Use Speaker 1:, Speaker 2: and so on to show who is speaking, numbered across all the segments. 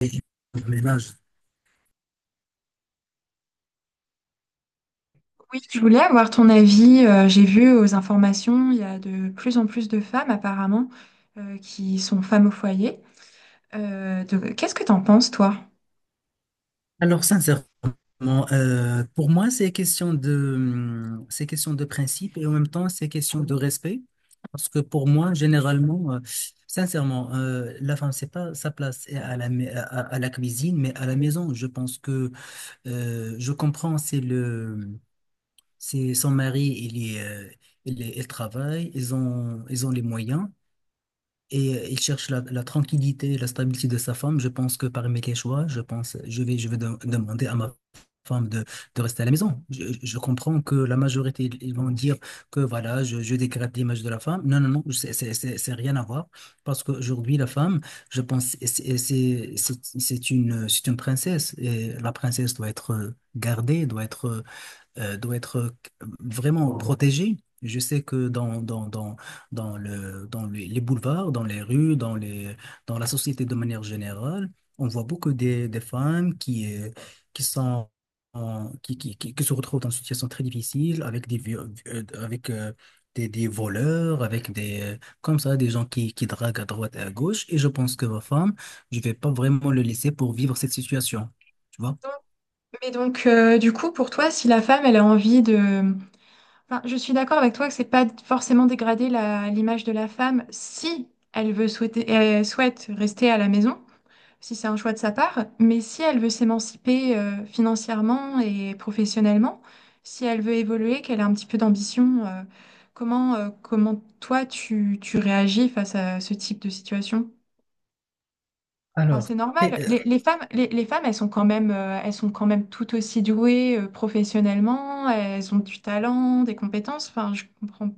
Speaker 1: Et le ménage.
Speaker 2: Oui, je voulais avoir ton avis. J'ai vu aux informations, il y a de plus en plus de femmes apparemment qui sont femmes au foyer. Qu'est-ce que t'en penses, toi?
Speaker 1: Alors, sincèrement, pour moi, c'est question de principe et en même temps, c'est question de respect. Parce que pour moi, généralement, sincèrement, la femme, c'est pas sa place à la cuisine, mais à la maison. Je pense que je comprends, c'est son mari, il travaille, ils ont les moyens. Et il cherche la tranquillité et la stabilité de sa femme. Je pense que parmi les choix, je pense, demander à ma femme de rester à la maison. Je comprends que la majorité, ils vont dire que voilà, je dégrade l'image de la femme. Non, non, non, c'est rien à voir. Parce qu'aujourd'hui, la femme, je pense, c'est une princesse. Et la princesse doit être gardée, doit être vraiment protégé. Je sais que dans les boulevards, dans les rues, dans la société de manière générale, on voit beaucoup des femmes qui sont, qui se retrouvent dans une situation très difficile avec euh, avec, euh, des voleurs, avec comme ça, des gens qui draguent à droite et à gauche. Et je pense que ma femme, je vais pas vraiment le laisser pour vivre cette situation. Tu vois?
Speaker 2: Donc- Mais du coup, pour toi, si la femme, elle a envie de... Enfin, je suis d'accord avec toi que c'est pas forcément dégrader l'image de la femme si elle veut souhaiter, elle souhaite rester à la maison. Si c'est un choix de sa part, mais si elle veut s'émanciper financièrement et professionnellement, si elle veut évoluer, qu'elle a un petit peu d'ambition, comment tu réagis face à ce type de situation? Enfin,
Speaker 1: Alors,
Speaker 2: c'est normal. Les femmes, les femmes, elles sont quand même, elles sont quand même tout aussi douées professionnellement. Elles ont du talent, des compétences. Enfin, je comprends,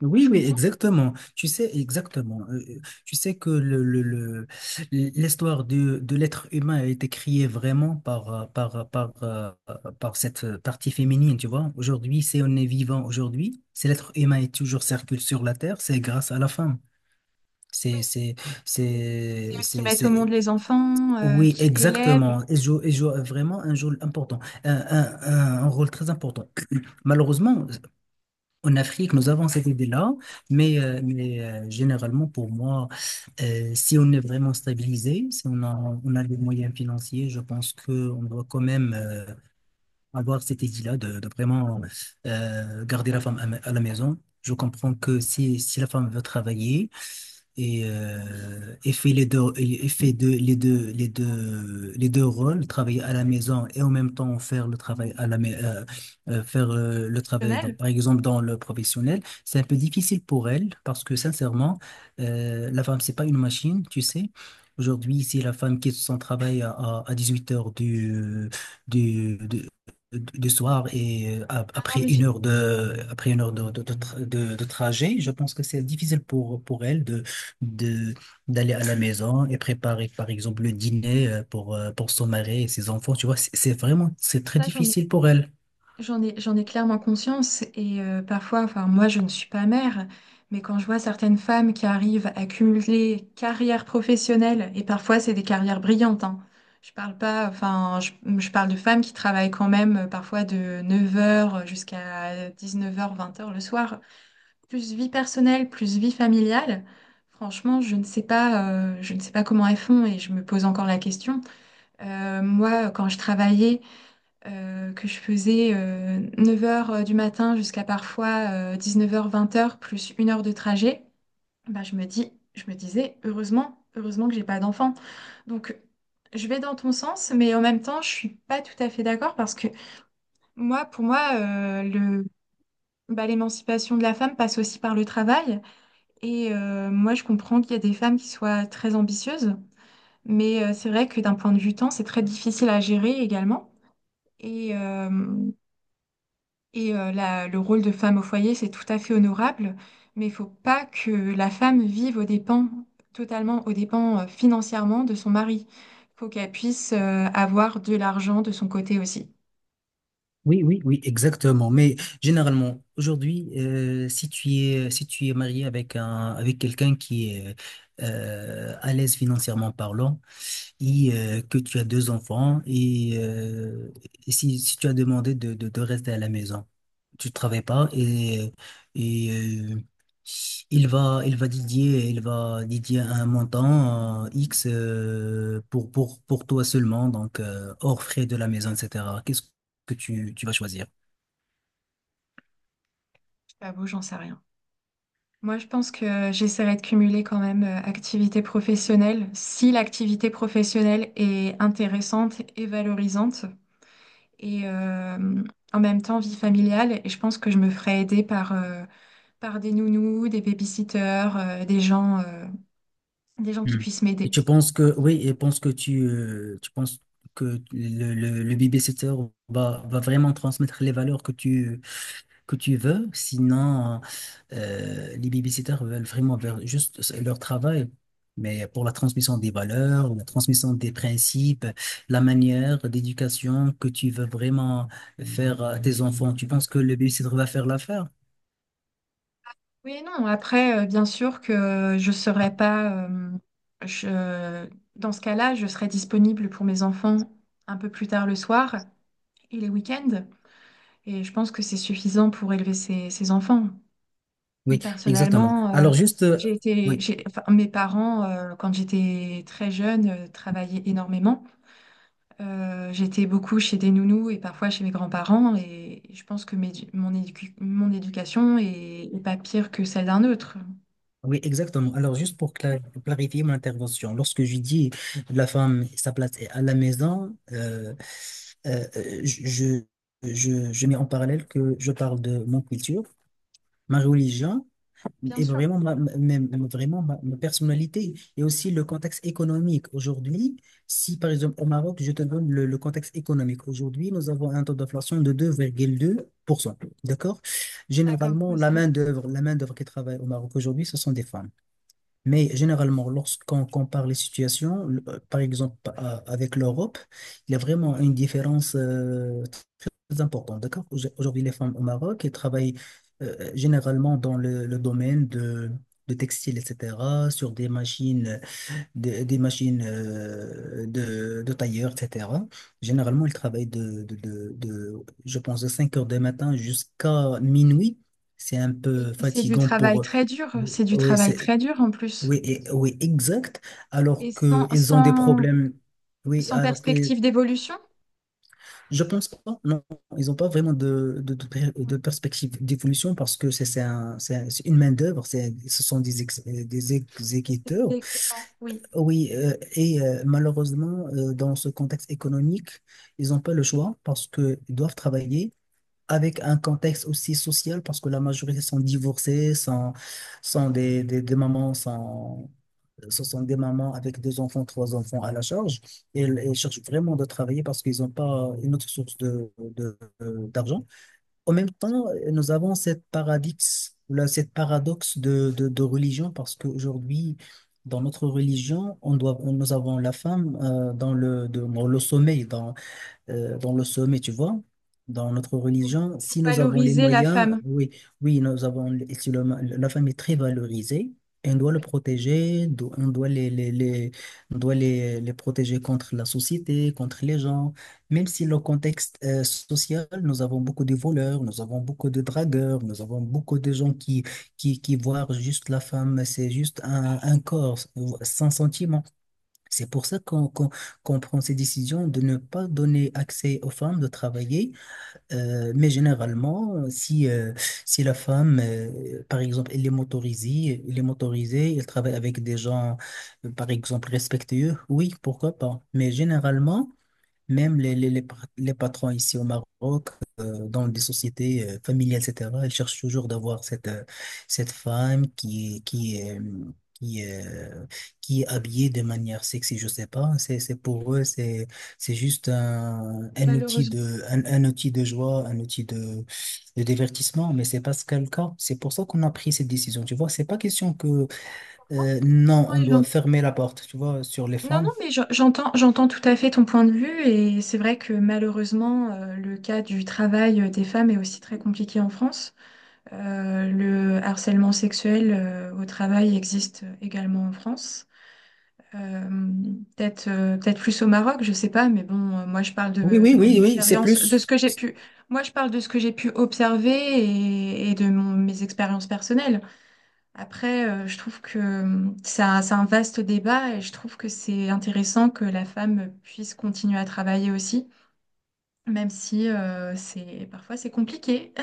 Speaker 1: oui,
Speaker 2: je
Speaker 1: oui,
Speaker 2: comprends. Que
Speaker 1: exactement. Tu sais, exactement. Tu sais que l'histoire de l'être humain a été créée vraiment par cette partie féminine, tu vois. Aujourd'hui, si on est vivant aujourd'hui, si l'être humain est toujours circule sur la Terre, c'est grâce à la femme.
Speaker 2: oui,
Speaker 1: C'est, c'est,
Speaker 2: c'est
Speaker 1: c'est,
Speaker 2: elles qui
Speaker 1: c'est,
Speaker 2: mettent au monde
Speaker 1: c'est-
Speaker 2: les enfants,
Speaker 1: Oui,
Speaker 2: qui élèvent,
Speaker 1: exactement. Elle joue vraiment un rôle important, un rôle très important. Malheureusement, en Afrique, nous avons cette idée-là, mais généralement, pour moi, si on est vraiment stabilisé, si on a les moyens financiers, je pense qu'on doit quand même avoir cette idée-là de vraiment garder la femme à, à la maison. Je comprends que si la femme veut travailler, et fait les deux, et fait deux- les deux, les deux, les deux rôles, travailler à la maison et en même temps faire le travail à la faire le travail,
Speaker 2: professionnels.
Speaker 1: donc, par exemple dans le professionnel, c'est un peu difficile pour elle parce que sincèrement, la femme, c'est pas une machine, tu sais. Aujourd'hui, si la femme quitte son travail à, à huit heures du, du- du soir et
Speaker 2: Ah non,
Speaker 1: après
Speaker 2: mais
Speaker 1: une
Speaker 2: j'ai-
Speaker 1: heure de après une heure de, tra- de trajet, je pense que c'est difficile pour elle de d'aller à la maison et préparer par exemple le dîner pour son mari et ses enfants, tu vois, c'est très
Speaker 2: ça, j'en ai
Speaker 1: difficile pour elle.
Speaker 2: J'en ai, j'en ai clairement conscience et parfois, enfin moi je ne suis pas mère, mais quand je vois certaines femmes qui arrivent à cumuler carrière professionnelle, et parfois c'est des carrières brillantes, hein. Je parle pas, enfin je parle de femmes qui travaillent quand même parfois de neuf heures jusqu'à dix-neuf heures, vingt heures le soir. Plus vie personnelle, plus vie familiale, franchement je ne sais pas, je ne sais pas comment elles font et je me pose encore la question. Moi quand je travaillais que je faisais neuf heures du matin jusqu'à parfois dix-neuf heures vingt heures plus une heure de trajet, bah, je me disais, heureusement, heureusement que j'ai pas d'enfant. Donc, je vais dans ton sens, mais en même temps, je suis pas tout à fait d'accord parce que moi, pour moi, bah, l'émancipation de la femme passe aussi par le travail. Et moi, je comprends qu'il y a des femmes qui soient très ambitieuses, mais c'est vrai que d'un point de vue temps, c'est très difficile à gérer également. Et, euh, Et le rôle de femme au foyer, c'est tout à fait honorable, mais il faut pas que la femme vive aux dépens, totalement aux dépens financièrement de son mari. Il faut qu'elle puisse avoir de l'argent de son côté aussi.
Speaker 1: Oui, oui, oui, exactement, mais généralement aujourd'hui, si tu es marié avec un avec quelqu'un qui est à l'aise financièrement parlant et que tu as deux enfants, si tu as demandé de rester à la maison, tu travailles pas, et euh, il va dédier un montant X pour, pour toi seulement, donc hors frais de la maison, etc. Qu'est-ce que tu vas choisir?
Speaker 2: Je t'avoue, j'en sais rien. Moi, je pense que j'essaierai de cumuler quand même activité professionnelle, si l'activité professionnelle est intéressante et valorisante, et en même temps vie familiale. Et je pense que je me ferai aider par... par des nounous, des babysitters, des gens qui
Speaker 1: Hmm.
Speaker 2: puissent
Speaker 1: Et
Speaker 2: m'aider.
Speaker 1: tu penses que, oui, tu penses que le babysitter va vraiment transmettre les valeurs que que tu veux, sinon les babysitters veulent vraiment faire juste leur travail. Mais pour la transmission des valeurs, la transmission des principes, la manière d'éducation que tu veux vraiment faire à tes enfants, tu penses que le babysitter va faire l'affaire?
Speaker 2: Oui et non. Après, bien sûr que je serais pas, je- dans ce cas-là, je serais disponible pour mes enfants un peu plus tard le soir et les week-ends. Et je pense que c'est suffisant pour élever ses enfants.
Speaker 1: Oui, exactement.
Speaker 2: Personnellement,
Speaker 1: Alors juste, oui.
Speaker 2: enfin, mes parents, quand j'étais très jeune, travaillaient énormément. J'étais beaucoup chez des nounous et parfois chez mes grands-parents et je pense que mon éducation est, est pas pire que celle d'un autre.
Speaker 1: Oui, exactement. Alors, juste pour clarifier mon intervention, lorsque je dis la femme, sa place est à la maison, euh, euh, je, je, je mets en parallèle que je parle de mon culture, ma religion
Speaker 2: Bien
Speaker 1: et
Speaker 2: sûr,
Speaker 1: vraiment ma personnalité et aussi le contexte économique. Aujourd'hui, si par exemple au Maroc, je te donne le contexte économique, aujourd'hui, nous avons un taux d'inflation de 2,2%. D'accord?
Speaker 2: d'accord,
Speaker 1: Généralement,
Speaker 2: oui, c'est beaucoup.
Speaker 1: la main-d'œuvre qui travaille au Maroc aujourd'hui, ce sont des femmes. Mais généralement, lorsqu'on compare les situations, par exemple avec l'Europe, il y a vraiment une différence très importante. D'accord? Aujourd'hui, les femmes au Maroc, elles travaillent généralement dans le domaine de textile, etc., sur des machines, des machines de tailleur, etc. Généralement, elles travaillent je pense, de 5 heures du matin jusqu'à minuit. C'est un
Speaker 2: Mais
Speaker 1: peu
Speaker 2: c'est du
Speaker 1: fatigant
Speaker 2: travail
Speaker 1: pour...
Speaker 2: très dur, c'est du
Speaker 1: Oui,
Speaker 2: travail très dur en plus.
Speaker 1: oui, oui, exact.
Speaker 2: Et
Speaker 1: Alors qu'ils ont des problèmes. Oui,
Speaker 2: sans
Speaker 1: alors que
Speaker 2: perspective d'évolution,
Speaker 1: je pense pas. Non, ils n'ont pas vraiment de perspective d'évolution parce que c'est une main-d'œuvre, ce sont des
Speaker 2: c'est
Speaker 1: exécuteurs.
Speaker 2: que tu t'en- oui,
Speaker 1: Oui, malheureusement, dans ce contexte économique, ils n'ont pas le choix parce qu'ils doivent travailler avec un contexte aussi social parce que la majorité sont divorcés, sont des mamans, ce sont des mamans avec deux enfants, trois enfants à la charge, et elles cherchent vraiment de travailler parce qu'ils n'ont pas une autre source d'argent. En même temps, nous avons cette paradoxe, là, cette paradoxe de religion parce qu'aujourd'hui, dans notre religion, nous avons la femme dans le sommeil, dans le sommet, tu vois. Dans notre
Speaker 2: pour,
Speaker 1: religion,
Speaker 2: pour
Speaker 1: si nous avons les
Speaker 2: valoriser la
Speaker 1: moyens,
Speaker 2: femme.
Speaker 1: oui, oui, nous avons, les- si le- la femme est très valorisée, on doit le
Speaker 2: Oui,
Speaker 1: protéger, do- on doit on doit les- les protéger contre la société, contre les gens. Même si le contexte social, nous avons beaucoup de voleurs, nous avons beaucoup de dragueurs, nous avons beaucoup de gens qui voient juste la femme, c'est juste un corps sans sentiment. C'est pour ça qu'on prend ces décisions de ne pas donner accès aux femmes de travailler. Mais généralement, si la femme, par exemple, elle est motorisée, elle travaille avec des gens, par exemple, respectueux, oui, pourquoi pas. Mais généralement, même les patrons ici au Maroc, dans des sociétés familiales, etc., ils cherchent toujours d'avoir cette, cette femme qui est, euh, qui est habillée de manière sexy, je sais pas. C'est pour eux, c'est juste un outil
Speaker 2: malheureusement.
Speaker 1: de, un outil de joie, un outil de divertissement, mais c'est pas ce qu'est le cas. C'est pour ça qu'on a pris cette décision, tu vois. C'est pas question que,
Speaker 2: Je
Speaker 1: non, on doit
Speaker 2: comprends.
Speaker 1: fermer la porte, tu vois, sur les
Speaker 2: Non, non,
Speaker 1: femmes.
Speaker 2: mais j'en- j'entends, j'entends tout à fait ton point de vue et c'est vrai que malheureusement, le cas du travail des femmes est aussi très compliqué en France. Le harcèlement sexuel au travail existe également en France. Euh, Peut-être plus au Maroc, je sais pas, mais bon, moi je parle
Speaker 1: Oui, oui,
Speaker 2: de mon
Speaker 1: oui, oui, c'est
Speaker 2: expérience, de ce
Speaker 1: plus.
Speaker 2: que j'ai pu, moi je parle de ce que j'ai pu observer et de mes expériences personnelles. Après, je trouve que c'est un vaste débat et je trouve que c'est intéressant que la femme puisse continuer à travailler aussi, même si c'est parfois c'est compliqué.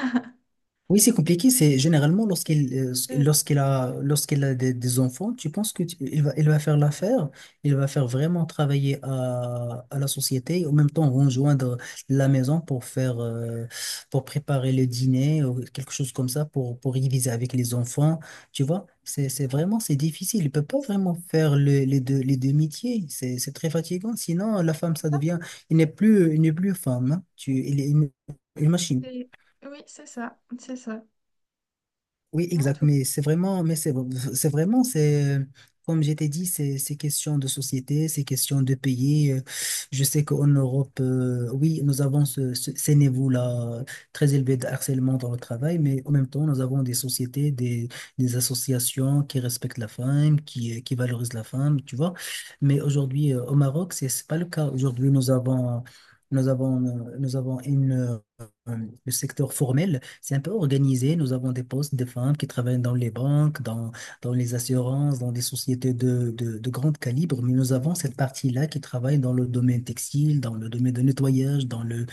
Speaker 1: Oui, c'est compliqué. C'est généralement
Speaker 2: C'est- Oui.
Speaker 1: lorsqu'il a des enfants, tu penses que il va faire l'affaire, il va faire vraiment travailler à la société, et en même temps rejoindre la maison pour faire pour préparer le dîner ou quelque chose comme ça pour diviser avec les enfants. Tu vois, c'est difficile. Il peut pas vraiment faire les deux métiers. C'est très fatigant. Sinon, la femme ça devient il n'est plus femme, hein. Tu il est une machine.
Speaker 2: Et- Oui, c'est ça, c'est ça.
Speaker 1: Oui,
Speaker 2: Non,
Speaker 1: exact.
Speaker 2: tout
Speaker 1: Mais c'est vraiment, c'est, comme je t'ai dit, c'est question de société, c'est question de pays. Je sais qu'en Europe, oui, nous avons ces niveaux-là très élevés de harcèlement dans le travail, mais en même temps, nous avons des sociétés, des associations qui respectent la femme, qui valorisent la femme, tu vois. Mais aujourd'hui, au Maroc, c'est pas le cas. Aujourd'hui, nous avons une, euh, le secteur formel c'est un peu organisé. Nous avons des postes de femmes qui travaillent dans les banques, dans les assurances, dans des sociétés de grand calibre, mais nous avons cette partie-là qui travaille dans le domaine textile, dans le domaine de nettoyage,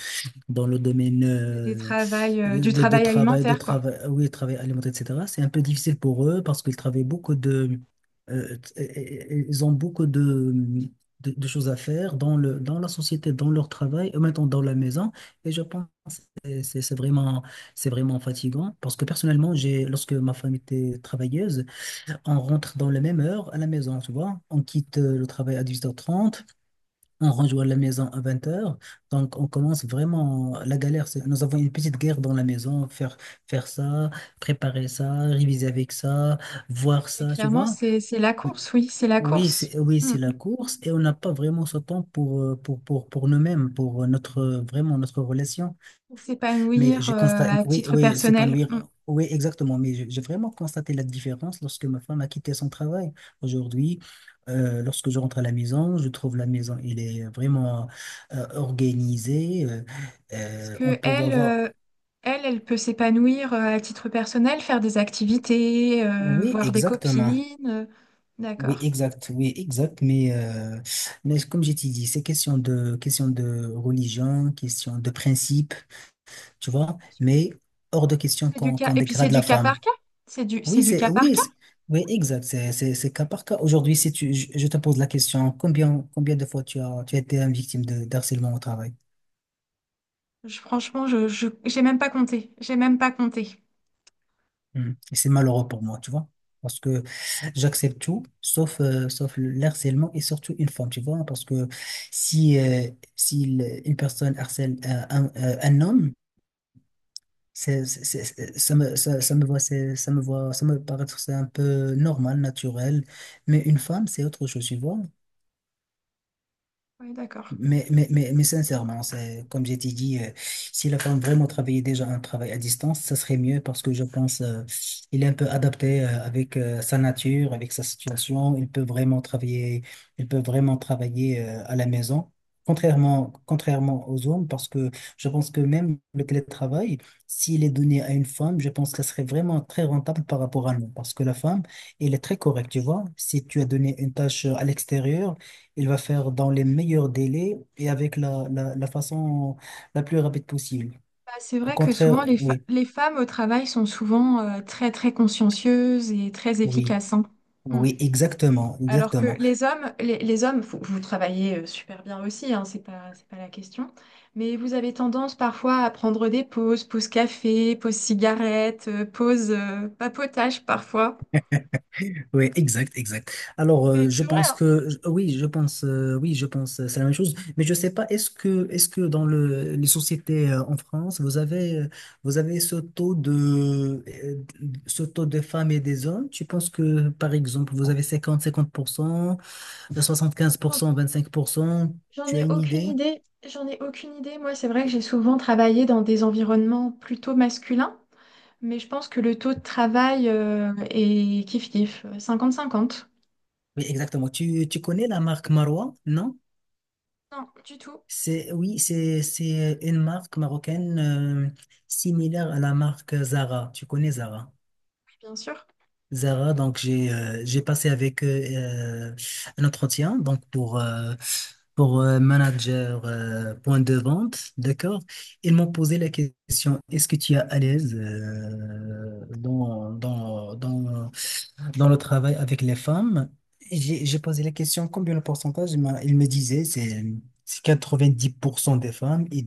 Speaker 1: dans le domaine
Speaker 2: c'est des travails, du travail
Speaker 1: de
Speaker 2: alimentaire, quoi.
Speaker 1: travail, oui, travail alimentaire, etc. C'est un peu difficile pour eux parce qu'ils travaillent beaucoup de, ils ont beaucoup de choses à faire dans le, dans la société, dans leur travail, et maintenant dans la maison. Et je pense que c'est vraiment fatigant parce que personnellement, lorsque ma femme était travailleuse, on rentre dans la même heure à la maison, tu vois. On quitte le travail à 18 heures trente. On rejoint la maison à 20h. Donc, on commence vraiment la galère. Nous avons une petite guerre dans la maison. Faire, faire ça, préparer ça, réviser avec ça, voir
Speaker 2: Et
Speaker 1: ça, tu
Speaker 2: clairement,
Speaker 1: vois.
Speaker 2: c'est la course, oui, c'est la
Speaker 1: Oui,
Speaker 2: course. Mm.
Speaker 1: c'est la course et on n'a pas vraiment ce temps pour, pour nous-mêmes, pour vraiment notre relation. Mais
Speaker 2: S'épanouir
Speaker 1: j'ai constaté,
Speaker 2: à
Speaker 1: oui,
Speaker 2: titre
Speaker 1: oui,
Speaker 2: personnel.
Speaker 1: s'épanouir, oui, exactement. Mais j'ai vraiment constaté la différence lorsque ma femme a quitté son travail. Aujourd'hui, lorsque je rentre à la maison, je trouve la maison, elle est vraiment organisée.
Speaker 2: Parce
Speaker 1: On
Speaker 2: que
Speaker 1: peut voir.
Speaker 2: elle peut s'épanouir à titre personnel, faire des activités,
Speaker 1: Oui,
Speaker 2: voir des
Speaker 1: exactement.
Speaker 2: copines.
Speaker 1: Oui,
Speaker 2: D'accord.
Speaker 1: exact. Oui, exact. Mais comme j'ai dit, c'est question de religion, question de principe, tu vois. Mais hors de question
Speaker 2: C'est du
Speaker 1: qu'on
Speaker 2: cas,
Speaker 1: qu'on
Speaker 2: et puis c'est
Speaker 1: dégrade la
Speaker 2: du cas
Speaker 1: femme.
Speaker 2: par cas. C'est
Speaker 1: Oui,
Speaker 2: du
Speaker 1: c'est
Speaker 2: cas par
Speaker 1: oui,
Speaker 2: cas.
Speaker 1: c'est- oui, exact. C'est cas par cas. Aujourd'hui, si je te pose la question, combien de fois tu as été une victime de d'harcèlement au travail?
Speaker 2: Franchement, j'ai même pas compté. J'ai même pas compté.
Speaker 1: Hmm. Et c'est malheureux pour moi, tu vois, parce que j'accepte tout, sauf, sauf le harcèlement et surtout une forme, tu vois, parce que si, euh, si, une personne harcèle un homme, ça me, ça me voit, ça me paraît c'est un peu normal, naturel, mais une femme, c'est autre chose, tu vois.
Speaker 2: Oui, d'accord.
Speaker 1: Mais sincèrement, c'est, comme j'ai dit, si la femme vraiment travaillait déjà un travail à distance, ça serait mieux parce que je pense il est un peu adapté avec sa nature, avec sa situation. Il peut vraiment travailler, il peut vraiment travailler à la maison, contrairement aux hommes, parce que je pense que même le télétravail, s'il est donné à une femme, je pense que ça serait vraiment très rentable par rapport à nous, parce que la femme, elle est très correcte, tu vois. Si tu as donné une tâche à l'extérieur, il va faire dans les meilleurs délais et avec la façon la plus rapide possible.
Speaker 2: Bah, c'est
Speaker 1: Au
Speaker 2: vrai que
Speaker 1: contraire,
Speaker 2: souvent,
Speaker 1: oui,
Speaker 2: les femmes au travail sont souvent très, très consciencieuses et très
Speaker 1: oui,
Speaker 2: efficaces. Hein. Mm.
Speaker 1: oui, exactement,
Speaker 2: Alors que
Speaker 1: exactement.
Speaker 2: les hommes, les hommes, vous, vous travaillez super bien aussi, hein, c'est pas la question, mais vous avez tendance parfois à prendre des pauses, pause café, pause cigarette, pause papotage parfois.
Speaker 1: Oui, exact, exact. Je
Speaker 2: C'est vrai,
Speaker 1: pense
Speaker 2: hein.
Speaker 1: que c'est la même chose. Mais je sais pas, est-ce que dans les sociétés en France, vous avez ce taux de, femmes et des hommes? Tu penses que, par exemple, vous avez 50, 50%,
Speaker 2: J'en
Speaker 1: 75%, 25%?
Speaker 2: j'en
Speaker 1: Tu as
Speaker 2: ai
Speaker 1: une
Speaker 2: aucune
Speaker 1: idée?
Speaker 2: idée, j'en ai aucune idée. Moi, c'est vrai que j'ai souvent travaillé dans des environnements plutôt masculins, mais je pense que le taux de travail est kiff-kiff, cinquante. 50.
Speaker 1: Oui, exactement. Tu connais la marque Marois, non?
Speaker 2: Non, du tout,
Speaker 1: C'est une marque marocaine similaire à la marque Zara. Tu connais Zara?
Speaker 2: oui, bien sûr.
Speaker 1: Zara, donc j'ai passé avec eux euh, un entretien donc pour manager point de vente, d'accord? Ils m'ont posé la question, est-ce que tu es à l'aise dans le travail avec les femmes? J'ai posé la question, combien le pourcentage? Ils me disait c'est 90% des femmes et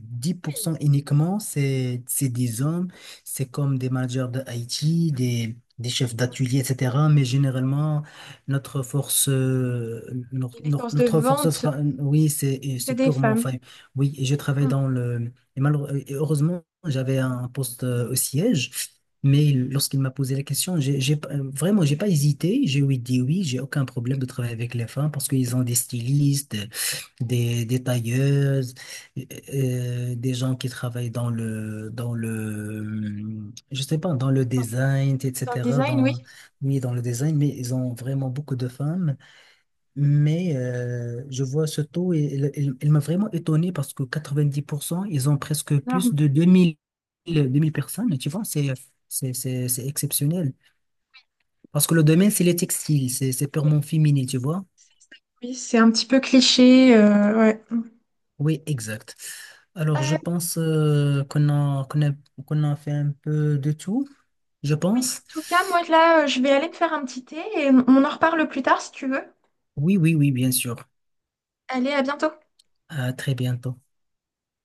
Speaker 2: Oui,
Speaker 1: 10% uniquement, c'est des hommes. C'est comme des managers de IT, des chefs
Speaker 2: d'accord.
Speaker 1: d'atelier, etc. Mais généralement, notre force,
Speaker 2: Et les forces de vente,
Speaker 1: oui, c'est et
Speaker 2: c'est
Speaker 1: c'est
Speaker 2: des
Speaker 1: purement,
Speaker 2: femmes.
Speaker 1: enfin, oui, et je travaille
Speaker 2: Mm.
Speaker 1: dans le. Et heureusement, j'avais un poste au siège. Lorsqu'il m'a posé la question, j'ai, pas- vraiment, j'ai pas hésité. J'ai dit oui, j'ai aucun problème de travailler avec les femmes parce qu'ils ont des stylistes, des tailleuses des gens qui travaillent dans je sais pas, dans le
Speaker 2: Dans,
Speaker 1: design,
Speaker 2: dans le
Speaker 1: etc.
Speaker 2: design, oui,
Speaker 1: Oui, dans le design, mais ils ont vraiment beaucoup de femmes. Mais je vois ce taux et il m'a vraiment étonné parce que 90%, ils ont presque plus
Speaker 2: énorme.
Speaker 1: de 2000 personnes. Tu vois, c'est exceptionnel. Parce que le domaine, c'est les textiles, c'est purement féminin, tu vois.
Speaker 2: C'est ça. Oui, c'est un petit peu cliché. Ouais.
Speaker 1: Oui, exact. Alors, je
Speaker 2: Euh,
Speaker 1: pense qu'on a fait un peu de tout, je
Speaker 2: en
Speaker 1: pense.
Speaker 2: tout cas, moi là, je vais aller me faire un petit thé et on en reparle plus tard si tu veux.
Speaker 1: Oui, oui, oui, bien sûr.
Speaker 2: Allez, à bientôt.
Speaker 1: À très bientôt.